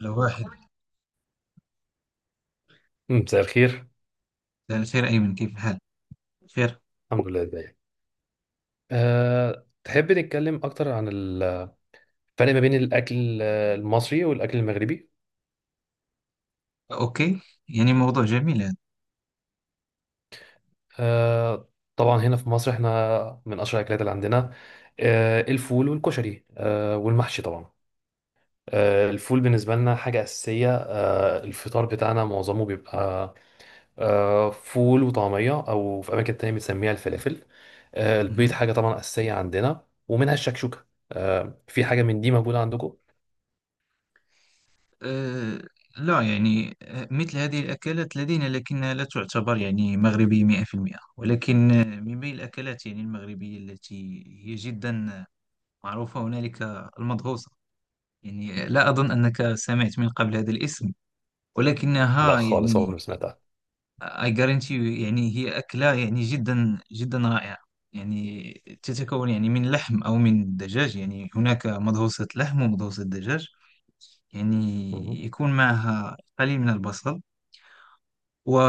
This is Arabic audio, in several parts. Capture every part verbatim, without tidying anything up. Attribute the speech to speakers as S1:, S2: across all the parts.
S1: لو واحد.
S2: مم، مساء الخير.
S1: خير أيمن، كيف الحال؟ بخير.
S2: الحمد لله، ازيك؟ أه، تحب نتكلم اكتر عن الفرق ما بين الاكل آه، المصري والاكل المغربي؟
S1: أوكي. يعني موضوع جميل هذا.
S2: أه، طبعا هنا في مصر احنا من اشهر الاكلات اللي عندنا أه، الفول والكشري أه، والمحشي طبعا. أه، الفول بالنسبه لنا حاجه اساسيه. أه، الفطار بتاعنا معظمه بيبقى أه، فول وطعميه، او في اماكن تانية بنسميها الفلافل. أه، البيض
S1: مهم.
S2: حاجه طبعا اساسيه عندنا، ومنها الشكشوكه. أه، في حاجه من دي موجوده عندكم؟
S1: أه. لا، يعني آه، مثل هذه الأكلات لدينا، لكنها لا تعتبر يعني مغربية مئة بالمئة ولكن آه، من بين الأكلات يعني المغربية التي هي جدا معروفة هنالك المدغوسة. يعني لا أظن أنك سمعت من قبل هذا الاسم،
S2: لا
S1: ولكنها
S2: خالص، عمري
S1: يعني
S2: ما سمعت عنها.
S1: I guarantee you، يعني هي أكلة يعني جدا جدا رائعة. يعني تتكون يعني من لحم أو من دجاج. يعني هناك مضروسة لحم ومضروسة دجاج. يعني
S2: مهم.
S1: يكون معها قليل من البصل،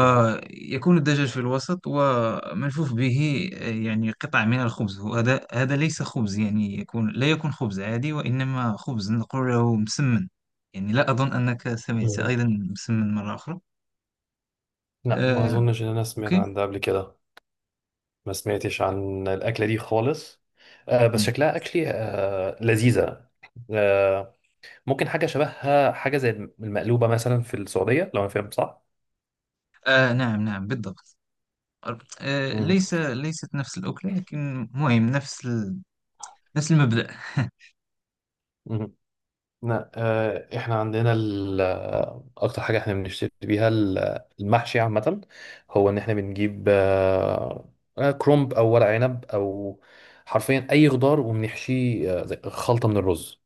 S2: مهم.
S1: الدجاج في الوسط وملفوف به يعني قطع من الخبز. وهذا هذا ليس خبز، يعني يكون لا يكون خبز عادي، وإنما خبز نقول له مسمن. يعني لا أظن أنك سمعت
S2: مهم.
S1: أيضا مسمن مرة أخرى.
S2: لا، ما
S1: آه،
S2: اظنش ان انا سمعت
S1: أوكي.
S2: عن ده قبل كده. ما سمعتش عن الاكله دي خالص. آه، بس
S1: مم.
S2: شكلها اكلي، آه لذيذه. آه ممكن حاجه شبهها، حاجه زي المقلوبه مثلا في السعوديه، لو انا فاهم صح.
S1: آه، نعم، نعم، بالضبط. آه،
S2: مهم.
S1: ليس ليست نفس الأكلة، لكن مهم نفس ال... نفس المبدأ.
S2: مهم. لا. آه، احنا عندنا ال- آه، اكتر حاجه احنا بنشتري بيها ال- آه، المحشي عامه. هو ان احنا بنجيب آه، آه، كرنب او ورق عنب او حرفيا اي خضار، وبنحشيه آه، زي خلطه من الرز.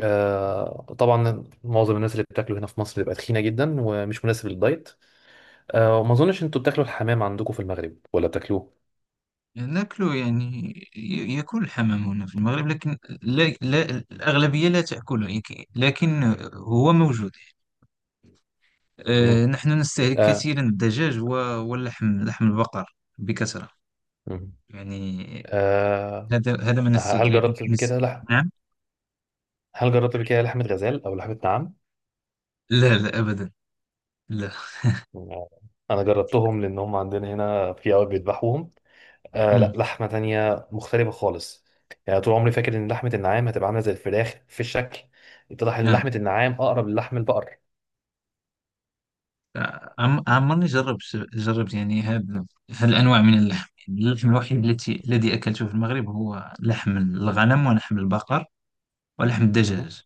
S2: آه، طبعا معظم الناس اللي بتاكله هنا في مصر بتبقى تخينه جدا ومش مناسب للدايت. آه، وما اظنش انتوا بتاكلوا الحمام عندكم في المغرب ولا بتاكلوه؟
S1: ناكله يعني. ي- يأكل الحمام هنا في المغرب، لكن لا، لا، الأغلبية لا تأكله. يك- لكن هو موجود.
S2: مم.
S1: آه، نحن نستهلك
S2: آه،
S1: كثيرا الدجاج و- واللحم، لحم البقر بكثرة.
S2: مم.
S1: يعني
S2: آه،
S1: هذا هذا ما
S2: هل
S1: نستهلك.
S2: جربت قبل كده لحم
S1: نعم.
S2: هل جربت قبل كده لحمه غزال او لحمه نعام؟
S1: لا، لا، أبدا. لا.
S2: انا جربتهم، لان هم عندنا هنا في قوي بيذبحوهم. آه، لا،
S1: مم.
S2: لحمه تانية مختلفه خالص. يعني طول عمري فاكر ان لحمه النعام هتبقى عامله زي الفراخ في الشكل، اتضح ان
S1: آه.
S2: لحمه النعام اقرب للحم البقر.
S1: عم- عمرني جربت جربت يعني هذا هالأنواع من اللحم. يعني اللحم الوحيد التي الذي أكلته في المغرب هو لحم الغنم، ولحم البقر، ولحم
S2: مهم.
S1: الدجاج.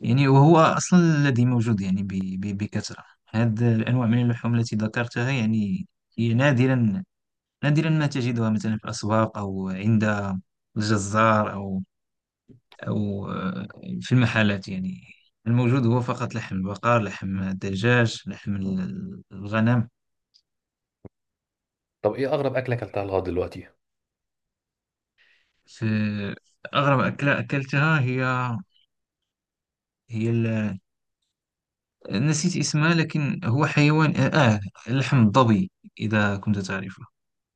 S1: يعني وهو أصلا الذي موجود يعني ب- ب- بكثرة. هذه الأنواع من اللحوم التي ذكرتها يعني هي نادرا، نادرا ما تجدها مثلا في الأسواق، أو عند الجزار، أو أو آه، في المحلات. يعني الموجود هو فقط لحم البقر، لحم الدجاج، لحم الغنم
S2: طب، ايه اغرب اكله اكلتها لغايه دلوقتي؟
S1: في. أغرب أكلة أكلتها هي هي ال... نسيت اسمها، لكن هو حيوان، آه لحم الظبي، إذا كنت تعرفه.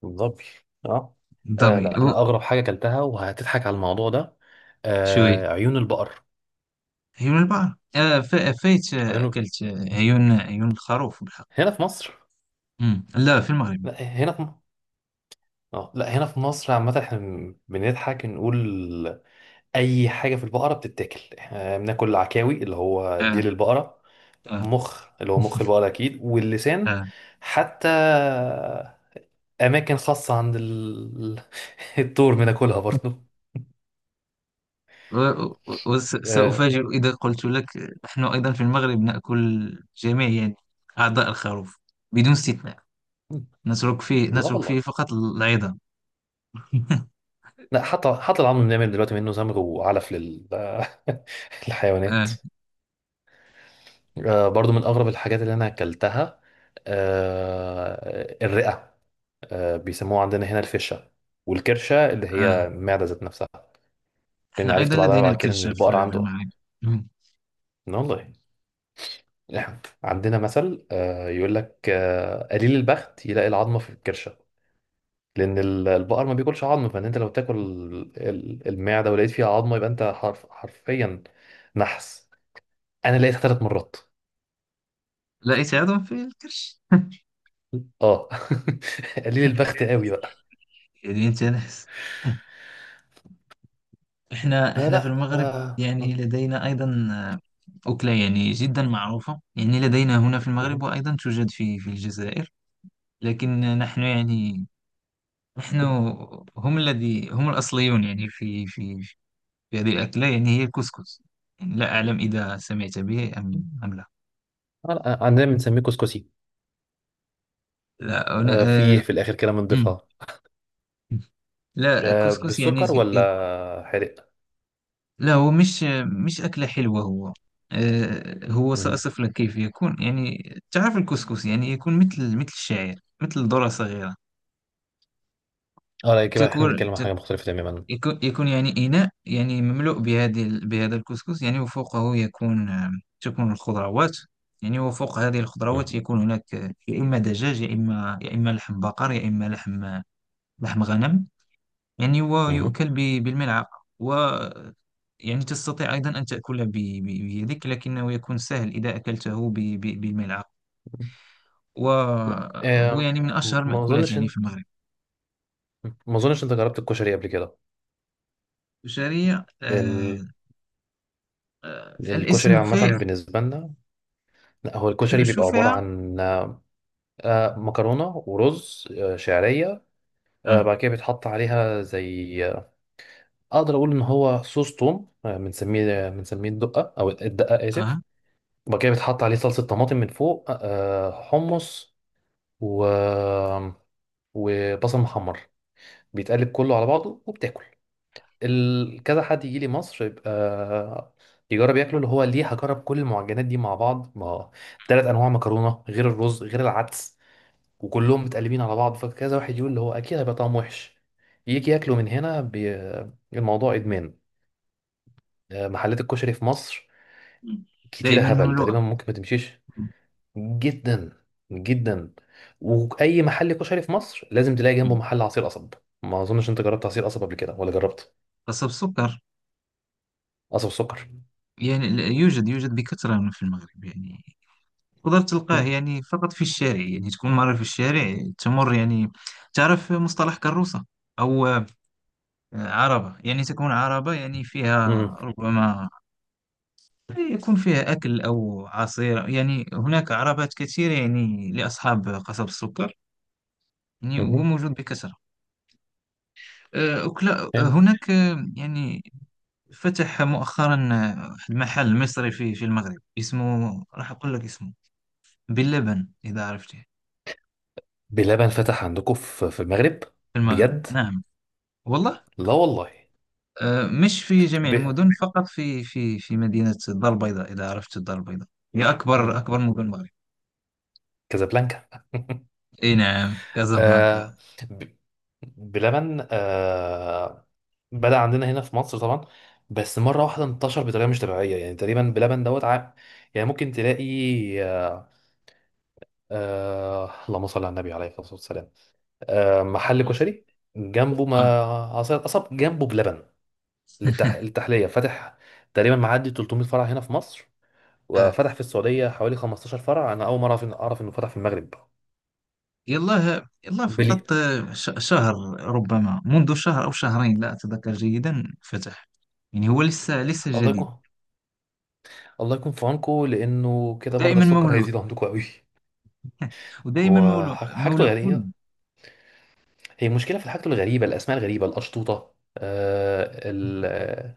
S2: الظبي؟ اه. آه
S1: الظبي
S2: لا، انا
S1: هو
S2: اغرب حاجه اكلتها، وهتضحك على الموضوع ده،
S1: شوي.
S2: آه، عيون البقر.
S1: عيون البحر. آه ف... فايت، آه،
S2: عيون الب-
S1: أكلت آه، عيون عيون الخروف بالحق.
S2: هنا في مصر.
S1: مم. لا، في المغرب.
S2: لا هنا في م- اه لا، هنا في مصر عامه احنا بنضحك نقول اي حاجه في البقره بتتاكل. احنا بناكل عكاوي اللي هو
S1: آه.
S2: ديل البقره،
S1: آه.
S2: مخ اللي هو مخ البقره اكيد، واللسان.
S1: آه.
S2: حتى اماكن خاصه عند ال... الطور بناكلها برضه. آه،
S1: وسأفاجئ إذا قلت لك، نحن أيضا في المغرب نأكل جميع يعني أعضاء الخروف بدون استثناء، نترك فيه
S2: لا
S1: نترك فيه
S2: والله.
S1: فقط العظام.
S2: لا، حتى حتى العظم بنعمل دلوقتي منه زمر وعلف لل... للحيوانات. آه، برضو من اغرب الحاجات اللي انا اكلتها آه، الرئه. آه، بيسموها عندنا هنا الفشه، والكرشه اللي هي
S1: آه.
S2: المعده ذات نفسها. لأني
S1: إحنا أيضا
S2: عرفت بعدها
S1: لدينا
S2: بعد كده
S1: الكرش
S2: إن
S1: في
S2: البقر
S1: في
S2: عنده...
S1: المعركة.
S2: إن والله، إحنا عندنا مثل، آه، يقول لك آه، قليل البخت يلاقي العظمة في الكرشة. لأن ال- البقر ما بياكلش عظم، فإن أنت لو تاكل ال- المعدة ولقيت فيها عظمة، يبقى أنت حرف حرفيا نحس. أنا لقيتها ثلاث مرات.
S1: ليس عضوا في الكرش.
S2: أه. قليل البخت قوي بقى.
S1: يدين جنس. إحنا
S2: لا
S1: إحنا في
S2: لا.
S1: المغرب
S2: آه.
S1: يعني لدينا أيضا آه، أكلة يعني جدا معروفة، يعني لدينا هنا في المغرب،
S2: أه.
S1: وأيضا توجد في في الجزائر. لكن نحن يعني نحن هم الذي هم الأصليون، يعني في في في هذه الأكلة. يعني هي الكسكس. يعني لا أعلم إذا سمعت به أم أم لا.
S2: آه، عندنا بنسميه كسكسي
S1: لا أنا
S2: آه،
S1: آه،
S2: في في الآخر كده
S1: مم.
S2: بنضيفها
S1: لا
S2: آه،
S1: كسكس يعني.
S2: بالسكر ولا حرق؟
S1: لا، هو مش مش أكلة حلوة. هو آه، هو سأصف لك كيف يكون. يعني تعرف الكسكس، يعني يكون مثل مثل الشعير، مثل ذرة صغيرة.
S2: اه لا، كده احنا
S1: تكون
S2: بنتكلم عن
S1: تك-
S2: حاجة مختلفة تماما.
S1: يكون يكون يعني إناء يعني مملوء بهذه بهذا الكسكس. يعني وفوقه يكون آه، تكون الخضروات. يعني وفوق هذه الخضروات
S2: مم.
S1: يكون هناك آه، يا إما دجاج، يا إما يا إما لحم بقر، يا إما لحم لحم غنم. يعني هو
S2: مم.
S1: يؤكل ب- بالملعقة، و يعني تستطيع أيضا أن تأكله ب- ب- بيدك، لكنه يكون سهل إذا أكلته ب- ب- بالملعقة.
S2: لا.
S1: وهو
S2: آم،
S1: يعني من أشهر
S2: ما
S1: المأكولات
S2: اظنش
S1: يعني في
S2: انت
S1: المغرب.
S2: ما اظنش انت جربت الكشري قبل كده؟
S1: الشعرية. آه
S2: ال...
S1: آه
S2: الكشري
S1: الاسم في.
S2: عامة بالنسبة لنا، لا، هو
S1: شو
S2: الكشري
S1: شو
S2: بيبقى عبارة
S1: فيها.
S2: عن آه، مكرونة ورز آه، شعرية. آه،
S1: آه.
S2: بعد كده بيتحط عليها زي آه، اقدر اقول ان هو صوص توم، آه، بنسميه آه، بنسميه الدقة، او الدقة، اسف.
S1: آه.
S2: وبعد كده بيتحط عليه صلصة طماطم من فوق، آه، حمص و... وبصل محمر، بيتقلب كله على بعضه وبتاكل. ال- كذا حد يجي لي مصر يبقى يجرب ياكله. اللي هو ليه هجرب كل المعجنات دي مع بعض؟ ما ثلاث انواع مكرونه، غير الرز، غير العدس، وكلهم متقلبين على بعض، فكذا واحد يقول اللي هو اكيد هيبقى طعمه وحش. يجي ياكله من هنا بي... الموضوع ادمان. آه، محلات الكشري في مصر كتيره
S1: دائما
S2: هبل،
S1: مملوءة.
S2: تقريبا ممكن ما تمشيش. جدا جدا. واي محل كشري في مصر لازم تلاقي جنبه
S1: مم.
S2: محل عصير قصب. ما اظنش انت جربت عصير قصب قبل كده ولا جربت؟
S1: قصب سكر.
S2: قصب السكر.
S1: يعني لا- يوجد يوجد بكثرة في المغرب. يعني تقدر تلقاه
S2: امم.
S1: يعني فقط في الشارع، يعني تكون مرة في الشارع تمر يعني. تعرف مصطلح كروسة؟ أو آه، عربة، يعني تكون عربة يعني فيها ربما يكون فيها أكل أو عصير. يعني هناك عربات كثيرة يعني لأصحاب قصب السكر، يعني وهو
S2: امم.
S1: موجود بكثرة. آه، أكلا آه،
S2: حلو.
S1: هناك آه، يعني فتح مؤخرا آه، واحد محل مصري في في المغرب، اسمه راح أقول لك اسمه، باللبن، إذا عرفته.
S2: بلبن فتح عندكم في في المغرب؟
S1: في المغرب،
S2: بجد؟
S1: نعم. والله.
S2: لا والله.
S1: آه، مش في جميع
S2: ب...
S1: المدن، فقط في في في مدينة الدار البيضاء، إذا عرفت الدار البيضاء، هي أكبر
S2: مم.
S1: أكبر مدن المغرب.
S2: كازابلانكا.
S1: إي نعم، كازابلانكا.
S2: آه... ب... بلبن. آه... بدأ عندنا هنا في مصر طبعا، بس مرة واحدة انتشر بطريقة مش طبيعية. يعني تقريبا بلبن دوت ع... يعني ممكن تلاقي آه... آه... اللهم صل على النبي، عليه الصلاة والسلام. آه... محل
S1: الله يسلمك.
S2: كشري جنبه،
S1: آه.
S2: ما أصل أصب جنبه بلبن للتح... للتحلية فاتح. تقريبا معدي 300 فرع هنا في مصر،
S1: آه.
S2: وفتح في السعودية حوالي 15 فرع. أنا أول مرة أعرف إن- أعرف إنه فتح في المغرب.
S1: يلا يلا،
S2: بلي.
S1: فقط آه، ش- شهر. ربما منذ شهر أو شهرين لا أتذكر جيدا، فتح. يعني هو لسه لسه
S2: الله
S1: جديد.
S2: يكون الله يكون في عونكم، لأنه كده مرضى
S1: ودائما
S2: السكر
S1: مولوع.
S2: هيزيدوا عندكم قوي.
S1: ودائما
S2: هو
S1: مولوع
S2: ح- حاجته
S1: مولوع كله.
S2: يعني، هي مشكلة في حاجته الغريبة، الأسماء الغريبة الأشطوطة. آه ال... آه،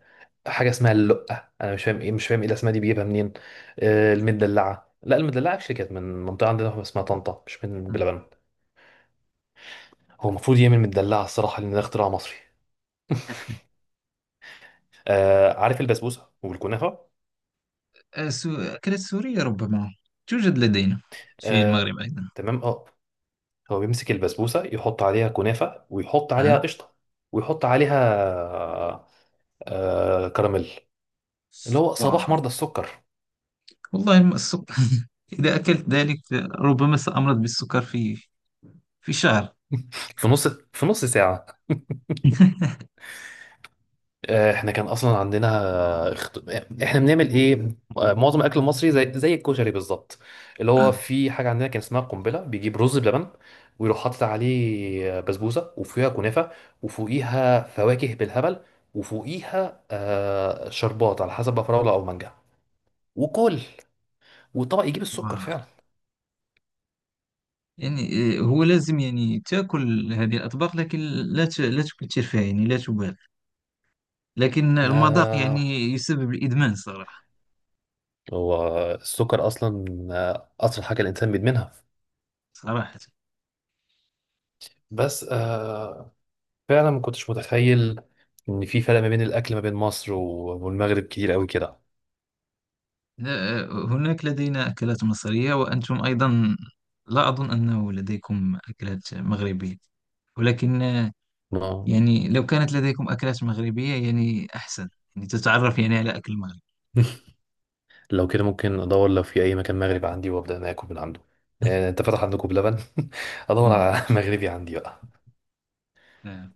S2: حاجة اسمها اللقة، أنا مش فاهم إيه، مش فاهم إيه الأسماء دي بيجيبها منين. آه، المدلعة. لا، المدلعة actually كانت من منطقة عندنا اسمها طنطا، مش من
S1: مم.
S2: بلبن. هو المفروض يعمل مدلعه الصراحه، لان ده اختراع مصري. آه، عارف البسبوسه والكنافه؟
S1: آه، سو- أكلة سورية ربما توجد لدينا في
S2: آه.
S1: المغرب أيضا.
S2: تمام اه. هو بيمسك البسبوسه، يحط عليها كنافه، ويحط عليها قشطه، ويحط عليها آه كراميل. اللي هو
S1: آه.
S2: صباح مرضى السكر.
S1: والله الم- السكر إذا أكلت ذلك ربما سأمرض بالسكر في في شهر.
S2: في نص في نص ساعه. آه، احنا كان اصلا عندنا اخت- احنا بنعمل ايه؟ آه، معظم الاكل المصري، زي زي الكشري بالظبط. اللي هو
S1: آه.
S2: في حاجه عندنا كان اسمها قنبله، بيجيب رز بلبن ويروح حاطط عليه بسبوسه وفيها كنافه، وفوقيها فواكه بالهبل، وفوقيها آه، شربات على حسب بقى، فراوله او مانجا، وكل. والطبق يجيب السكر
S1: واو.
S2: فعلا.
S1: يعني آه، هو لازم يعني تأكل هذه الأطباق، لكن لا ت- لا تكثر فيها، يعني لا تبالغ. لكن المذاق
S2: يا.
S1: يعني يسبب الإدمان صراحة.
S2: هو السكر اصلا آه، اسرع حاجه الانسان بيدمنها.
S1: صراحة
S2: بس، آه، فعلا ما كنتش متخيل ان في فرق ما بين الاكل ما بين مصر و- والمغرب كتير قوي كده.
S1: لا، آه، هناك لدينا أكلات مصرية، وأنتم أيضا لا أظن أنه لديكم أكلات مغربية، ولكن آه،
S2: آه.
S1: يعني لو كانت لديكم أكلات مغربية يعني أحسن، يعني تتعرف يعني على أكل المغرب.
S2: لو كده ممكن ادور لو في اي مكان مغرب عندي، وابدا انا اكل من عنده. يعني انت فتح عندكم بلبن. ادور على مغربي عندي بقى.
S1: نعم.